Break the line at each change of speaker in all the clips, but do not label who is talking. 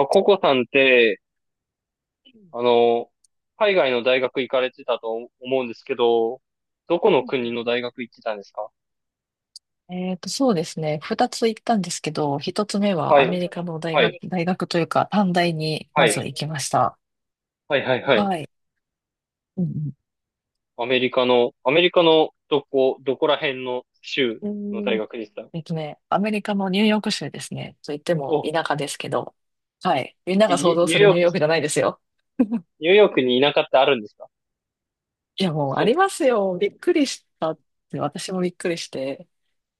ココさんって、あ
う
の、海外の大学行かれてたと思うんですけど、どこ
ん
の
う
国
ん
の大学行ってたんですか？
そうですね。二つ行ったんですけど、一つ目は
は
ア
い。
メリカの大
は
学、
い。
大学というか、短大に
は
まず
い。
行きました。
はい、はい、はい。
はい。うん
アメリカのどこら辺の州
う
の
ん。うー
大
ん
学でした？
アメリカのニューヨーク州ですね。と言っても
お、
田舎ですけど、はい。みんな
え
が想
ニュ
像
ニュ
す
ー
る
ヨー
ニュ
ク、
ーヨークじゃないですよ。
ニューヨークに田舎ってあるんですか？
いや、もうあ
そ
り
う、
ますよ。びっくりしたって、私もびっくりして。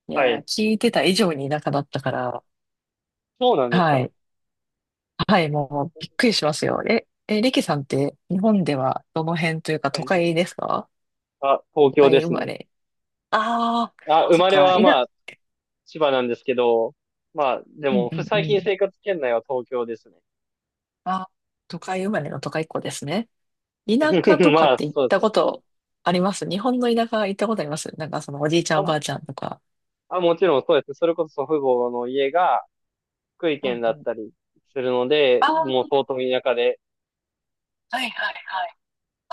い
は
や、
い。
聞いてた以上に田舎だったから、
そうなんです
は
か？
い。はい、もうびっくりしますよ。リキさんって日本ではどの辺というか
は
都
い。
会ですか？
あ、東
都
京で
会生
す
ま
ね。
れ。ああ、
あ、生
そっ
まれ
か、
は
い
ま
な、
あ、千葉なんですけど、まあ、で
うん
も、
うんう
最近
ん。
生活圏内は東京ですね。
あ、都会生まれの都会っ子ですね。田舎 とか
ま
っ
あ、
て行っ
そうで
た
すね。
ことあります？日本の田舎行ったことあります？なんかそのおじいちゃんお
あ、
ばあちゃんとか。
あ、もちろんそうです。それこそ祖父母の家が福井
う
県
ん
だ
う
っ
ん。
たりするので、
ああ、は
もう相当田舎で、
いはいはい。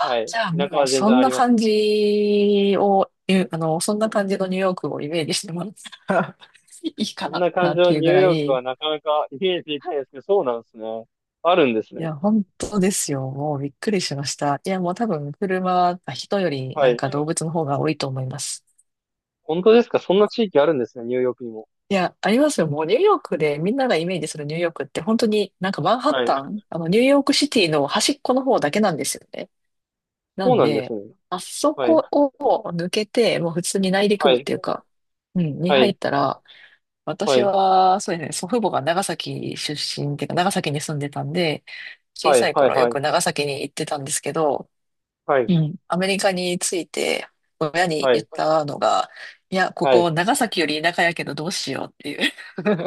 はい。
じゃあ
田舎
もう
は全然あります。
そんな感じのニューヨークをイメージしてもらったら いい
こん
か
な感
な
じ
っ
の
ていう
ニュ
ぐ
ー
ら
ヨークは
い、
なかなかイメージできないですけど、そうなんですね。あるんです
い
ね。
や、本当ですよ。もうびっくりしました。いや、もう多分人より
は
なん
い。
か動物の方が多いと思います。
本当ですか？そんな地域あるんですね、ニューヨークにも。
いや、ありますよ。もうニューヨークでみんながイメージするニューヨークって本当になんかマンハッ
はい。
タン、あのニューヨークシティの端っこの方だけなんですよね。な
そう
ん
なんです
で、
ね。
あそ
はい。
こを抜けて、もう普通に内陸
は
部っ
い。
ていうか、うん、に
は
入っ
い。
たら、
は
私
い。
は、そうですね、祖父母が長崎出身っていうか、長崎に住んでたんで、小
は
さ
い。
い
はい。
頃よ
はい。
く長崎に行ってたんですけど、
はい。
うん。アメリカに着いて、親に
は
言っ
い。
たのが、いや、こ
はい。
こ長崎より田舎やけどどうしようってい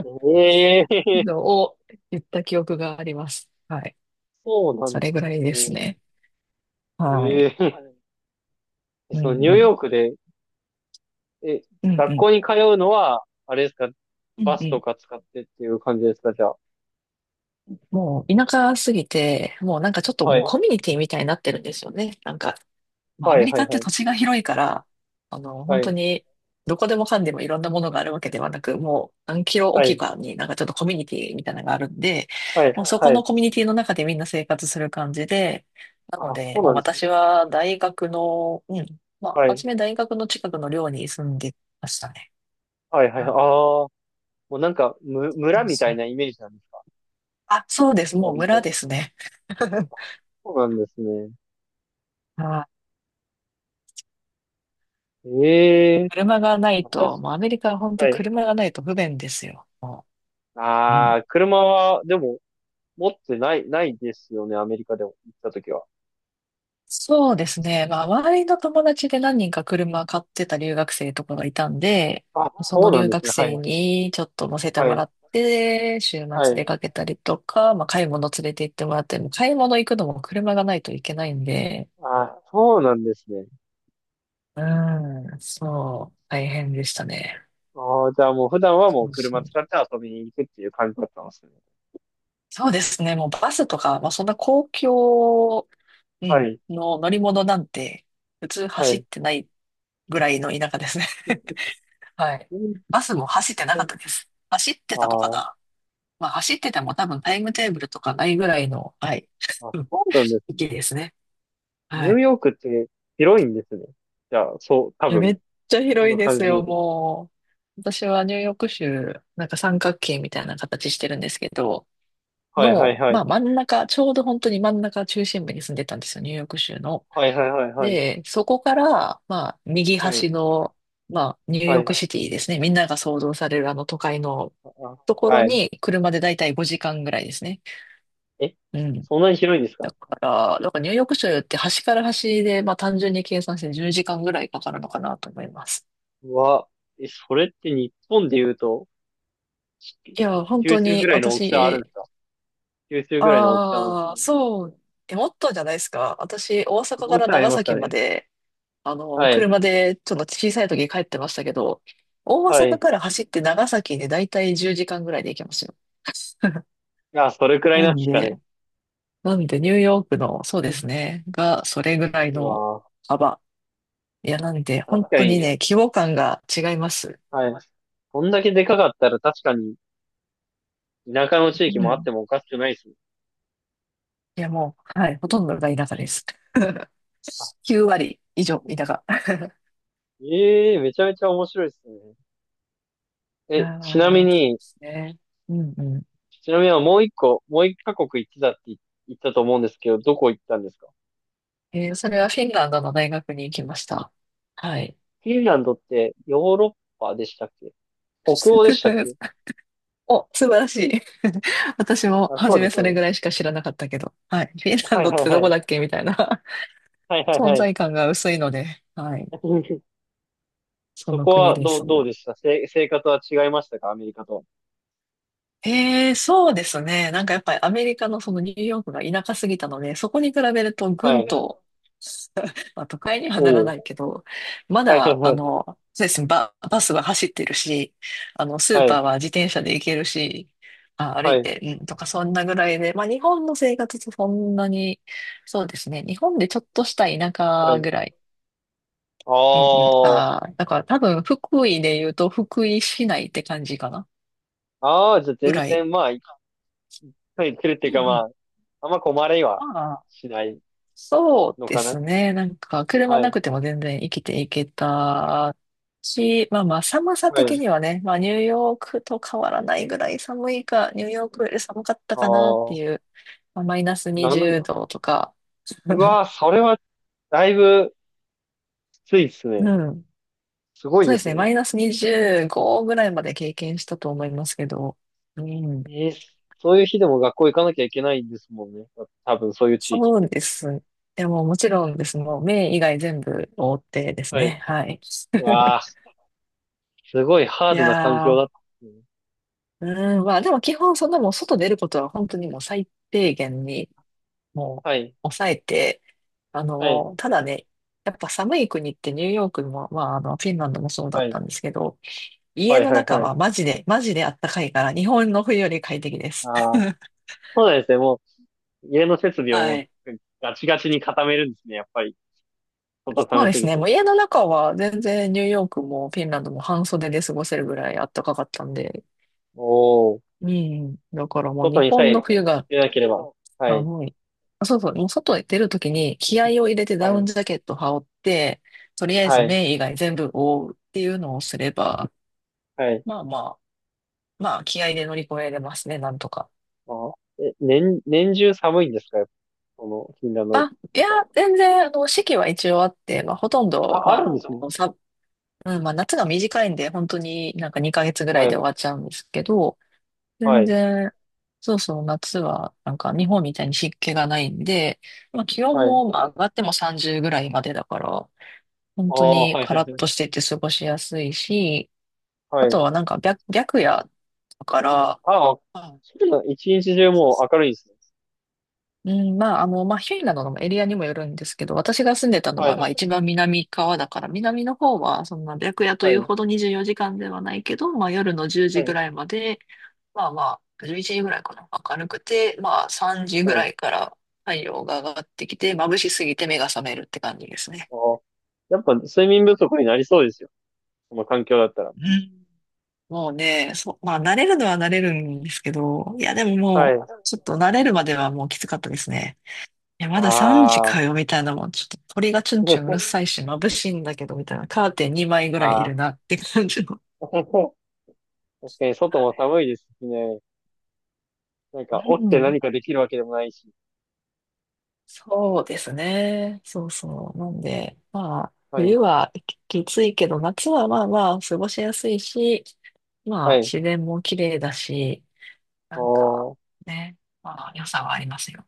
ええー、
うのを言った記憶があります。はい。
そうなん
そ
で
れ
す
ぐらいです
ね。
ね。は
え
い。
えー、
う
そのニ
ん
ュー
うん。
ヨークでえ、
うん
学
うん。
校に通うのは、あれですか、
う
バ
んう
スと
ん。
か使ってっていう感じですか、じゃあ。
もう田舎すぎて、もうなんかちょっと
は
も
い。
うコミュニティみたいになってるんですよね。なんかまあ、ア
は
メ
い、
リ
は
カ
い、
って
はい。
土地が広いから、あの、本
は
当
い、
に、どこでもかんでもいろんなものがあるわけではなく、もう何キロお
は
き
い、
かになんかちょっとコミュニティみたいなのがあるんで、
はい、
もうそこ
はい。
のコミュニティの中でみんな生活する感じで、なの
あ、
で、
そう
も
な
う
んですね。
私は大学の、うん、まあ、
はい、
初め大学の近くの寮に住んでましたね。
はい、はい。ああ、
は
もうなんか、む、
い、そ
村
う
みた
そ
い
う。
なイメージなんですか、
あ、そうです。もう
割
村で
と？
すね。
そうなんですね。
はい。
ええ、
車がないと、
確
もうアメリカは本当
かに。
車がないと不便ですよ。もう、うん、
ああ、車は、でも、持ってない、ないですよね、アメリカでも行ったときは。
そうですね。まあ、周りの友達で何人か車買ってた留学生とかがいたんで、
あ、
そ
そう
の
なん
留
です
学
ね。はい、
生にちょっと乗せて
は
もら
い、
って、週
は
末出
い。
かけたりとか、まあ、買い物連れて行ってもらって、もう買い物行くのも車がないといけないんで、
あ、そうなんですね。
うん、そう、大変でしたね。
ああ、じゃあもう普段はもう
そうそ
車使っ
う。
て遊びに行くっていう感じだったんですね。
そうですね。もうバスとか、まあ、そんな公共、う
は
ん、
い、
の乗り物なんて、普通
は
走っ
い。
てないぐらいの田舎ですね。はい。
あ
バスも走ってなかったです。走ってたのか
あ
な？まあ走ってても多分タイムテーブルとかないぐらいの、はい、
あ、
うん
そうなんですね。
域ですね。
ニ
は
ュー
い。
ヨークって広いんですね。じゃあ、そう、多
いや、め
分、
っちゃ
こ
広
の
いで
感じ
す
で言う
よ、
と。
もう。私はニューヨーク州、なんか三角形みたいな形してるんですけど、
はいはい
の、
は
まあ
い。
真ん中、ちょうど本当に真ん中中心部に住んでたんですよ、ニューヨーク州の。
はいはいはいはい。
で、そこから、まあ右
はい。
端の、まあニュー
は
ヨ
い。
ークシティですね。みんなが想像されるあの都会の
あ、
と
あ
ころ
はい。
に車でだいたい5時間ぐらいですね。
え、
うん。
そんなに広いんです
だ
か？
から、だからニューヨーク州って端から端で、まあ単純に計算して10時間ぐらいかかるのかなと思います。
うわ、え、それって日本で言うと、し
いや、本
九
当
州
に
ぐらいの大きさあるん
私、
ですか？九州ぐらいの大きさなんですか
ああ、
ね。
そう、え、もっとじゃないですか。私、大阪
も
か
う
ら
ちょいあり
長
ますか
崎ま
ね。
で、あの、
はい。
車でちょっと小さい時帰ってましたけど、大
は
阪
い。
から走って長崎でだいたい10時間ぐらいで行けますよ。
あ、それくらい
な
なんで
ん
すかね。
で、なんでニューヨークの、そうですね、が、それぐらい
う
の
わ
幅。いや、なんで、
ー、
本
確か
当に
に、
ね、規模感が違います。
はい。こんだけでかかったら確かに田舎の地域
う
もあっ
ん。
てもおかしくないですね。
いや、もう、はい、ほとんどが田舎です。
あ、
9割以上田舎。
ええー、めちゃめちゃ面白いですね。
い
え、
や
ちなみ
ー、そうで
に、
すね。うんうん。
ちなみにもう一カ国行ってたって言ったと思うんですけど、どこ行ったんですか？
えーそれはフィンランドの大学に行きました。はい。
フィンランドってヨーロッパでしたっけ？北欧でしたっけ？
お、素晴らしい。私も
あ、そ
初
うで
め
す
そ
よ
れ
ね。
ぐらいしか知らなかったけど。はい。フィンラン
はい
ドっ
はい
てど
は
こ
い。
だっけみたいな。
はい はい
存
はい。
在感が薄いので、はい。そ
そ
の
こ
国
は
で
ど
す。
う、どうでした。生活は違いましたか、アメリカと？
ええ、そうですね。なんかやっぱりアメリカのそのニューヨークが田舎すぎたので、そこに比べるとぐ
は
ん
い。
と、まあ、都会にはなら
おお。
ないけど、ま
はいはい
だ、
は
あ
い。
の、そうですね、バスは走ってるし、あの、スー
は
パー
い。
は自転車で行けるし、あ、歩
は
い
い。
て、うん、とかそんなぐらいで、まあ日本の生活とそんなに、そうですね、日本でちょっとした田
は
舎ぐ
い。
らい。
あ
うんうん。
あ、
ああ、だから多分福井で言うと福井市内って感じかな、
ああ、じゃあ
ぐ
全
らい。
然、まあ、一回来るってい
うん
う
う
か
ん。
まあ、あんま困れは
まあ
しない
そう
の
で
か
す
な。
ね。なんか、車
は
な
い。
くても全然生きていけたし、まあまあ、寒さ
は
的
い。
にはね、まあ、ニューヨークと変わらないぐらい寒いか、ニューヨークより寒かった
あ
かなって
あ、
いう、まあ、マイナス
なん
20
だ。
度とか、
う わー、それはだいぶきついですね。
うん。
すごい
そう
で
で
す
すね。
ね。
マイナス25ぐらいまで経験したと思いますけど。うん。
えーそういう日でも学校行かなきゃいけないんですもんね。多分そういう地域
そ
っ
う
て。
です。でももちろんです。もう目以外全部覆ってです
はい。
ね。はい。
うわ あ、すごいハー
い
ドな環
や
境
ー、
だったですね。
うん、まあでも基本そんなもう外出ることは本当にもう最低限にもう
はい。
抑えて、あ
はい。
の、ただね、やっぱ寒い国ってニューヨークも、まああのフィンランドもそうだ
は
った
い。
んですけど、家
はい
の
はい
中
は
は
い。
マジで、マジであったかいから日本の冬より快適です。
ああ、そうなんですね。もう、家の設備をも
は
う
い。
ガチガチに固めるんですね、やっぱり。外
そう
寒
で
す
す
ぎ
ね、
て。
もう家の中は全然ニューヨークもフィンランドも半袖で過ごせるぐらいあったかかったんで、
おー。
うん、だからもう
外
日
にさ
本の
え
冬が
出なければ。はい。
寒い。あ、そうそう。もう外へ出るときに気合を入れて
は
ダウン
い。
ジャケット羽織って、とりあえ
は
ず
い。
目以外全部覆うっていうのをすれば、
はい。
まあまあ、まあ気合で乗り越えれますね、なんとか。
あ、年中寒いんですか、やっぱ？その、フィンランド
あ、い
と
や、
か。
全然、あの、四季は一応あって、まあほとんど、
あ、
ま
あ
あ、
るんですも
あ
ん。
のさ、うん、まあ夏が短いんで、本当になんか2ヶ月ぐらい
は
で終
い。
わっちゃうんですけど、
は
全
い。
然、そうそう、夏はなんか日本みたいに湿気がないんで、まあ気温
はい。
もまあ上がっても30ぐらいまでだから、本
あ
当
あ、
に
はい
カ
はい
ラッ
は
と
い。
してて過ごしやすいし、
は
あと
い。
はなんか白夜だから、
ああ、
あ、
そうなの。一日中
そう
も
そ
う明
う、
るいですね。
うん、まあ、あの、まあ、ヒュイなどのエリアにもよるんですけど、私が住んでたの
はい。
は、ま
は
あ、一番南側だから、南の方は、そんな白夜という
い。
ほど24時間ではないけど、まあ、夜の10
は
時ぐ
い。
らいまで、まあまあ、11時ぐらいかな、明るくて、まあ、3時ぐ
はい。
らいから太陽が上がってきて、眩しすぎて目が覚めるって感じですね。
ああ。やっぱ睡眠不足になりそうですよ。この環境だったら。
うん、もうね、そう、まあ慣れるのは慣れるんですけど、いやでも
は
も
い。
う、ちょっと慣れるまではもうきつかったですね。いや、
あ
まだ3時か
あ。
よ、みたいなもん。ちょっと鳥がチュンチュンうるさ いし、眩しいんだけど、みたいな。カーテン2枚ぐらいい
あ
る
あ。
なって感じの。
確かに外も
は
寒いですしね。なん
い、
か、起
う
きて
ん、
何かできるわけでもないし。
そうですね。そうそう。なんで、まあ、
はい。
冬はきついけど、夏はまあまあ、過ごしやすいし、ま
は
あ、
い。
自然も綺麗だし、なんか、
おー。
ね、まあ、良さはありますよ。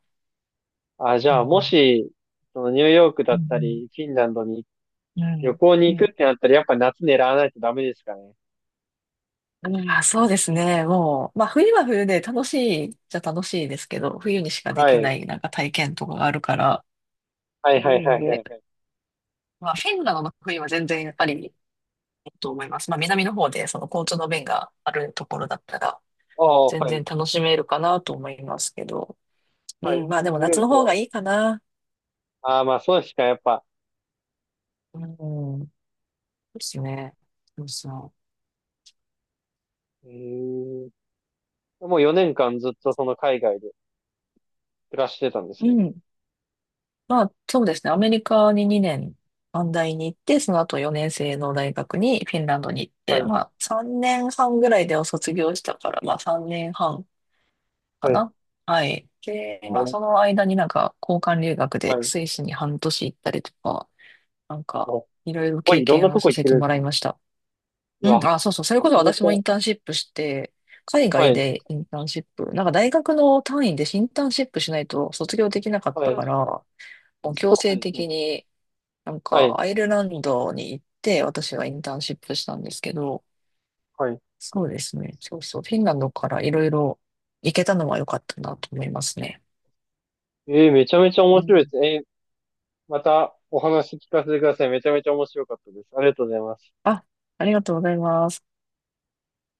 あ、じ
う
ゃあ、も
ん
し、そのニューヨークだ
う
っ
んう
た
ん
り、フィンランドに
う
旅
ん。
行
う
に行
ん
くってなったら、やっぱ夏狙わないとダメですかね。
うん、あ、そうですね。もう、まあ冬は冬で楽しいですけど、冬にしかで
は
きな
い。
いなんか体験とかがあるから、
はい
な
はいは
ん
いは
で、
いはい。
まあフィンランドの冬は全然やっぱりいいと思います。まあ南の方でその交通の便があるところだったら、
おー、
全
はい。
然楽しめるかなと思いますけど、う
はい。
ん、まあでも
ニュー
夏
ヨー
の
ク
方
は、
がいいかな。
ああ、まあ、そうですか、やっぱ。
うん、ですね。そうそ
うーん。もう4年間ずっとその海外で暮らしてたんで
う。
す
う
ね。
ん、まあ、そうですね。アメリカに2年、短大に行って、その後4年生の大学にフィンランドに行っ
は
て、
い。
まあ、3年半ぐらいでお卒業したから、まあ、3年半か
はい。
な。はい。で、
お
まあ、そ
ー、
の間になんか、交換留学
は
でス
い。
イスに半年行ったりとか、なんか、
も
いろい
う、
ろ
すごい
経
いろんな
験
と
を
こ
さ
行っ
せ
て
て
るんで
もら
す
い
ね。
ました。
う
うん、
わ。
あ、そうそう。それ
め
こ
ち
そ
ゃめち
私も
ゃ。
インターンシップして、海
は
外
い。
でインターンシップ、なんか大学の単位でインターンシップしないと卒業できなかっ
は
た
い。
から、もう
そ
強
うな
制
んですね。
的に、なん
は
か、
い。
アイルランドに行って、私はインターンシップしたんですけど、
はい。
そうですね。そうそう。フィンランドからいろいろ行けたのは良かったなと思いますね。
めちゃめちゃ
う
面
ん、
白いです。またお話聞かせてください。めちゃめちゃ面白かったです。ありがとうございます。
あ、ありがとうございます。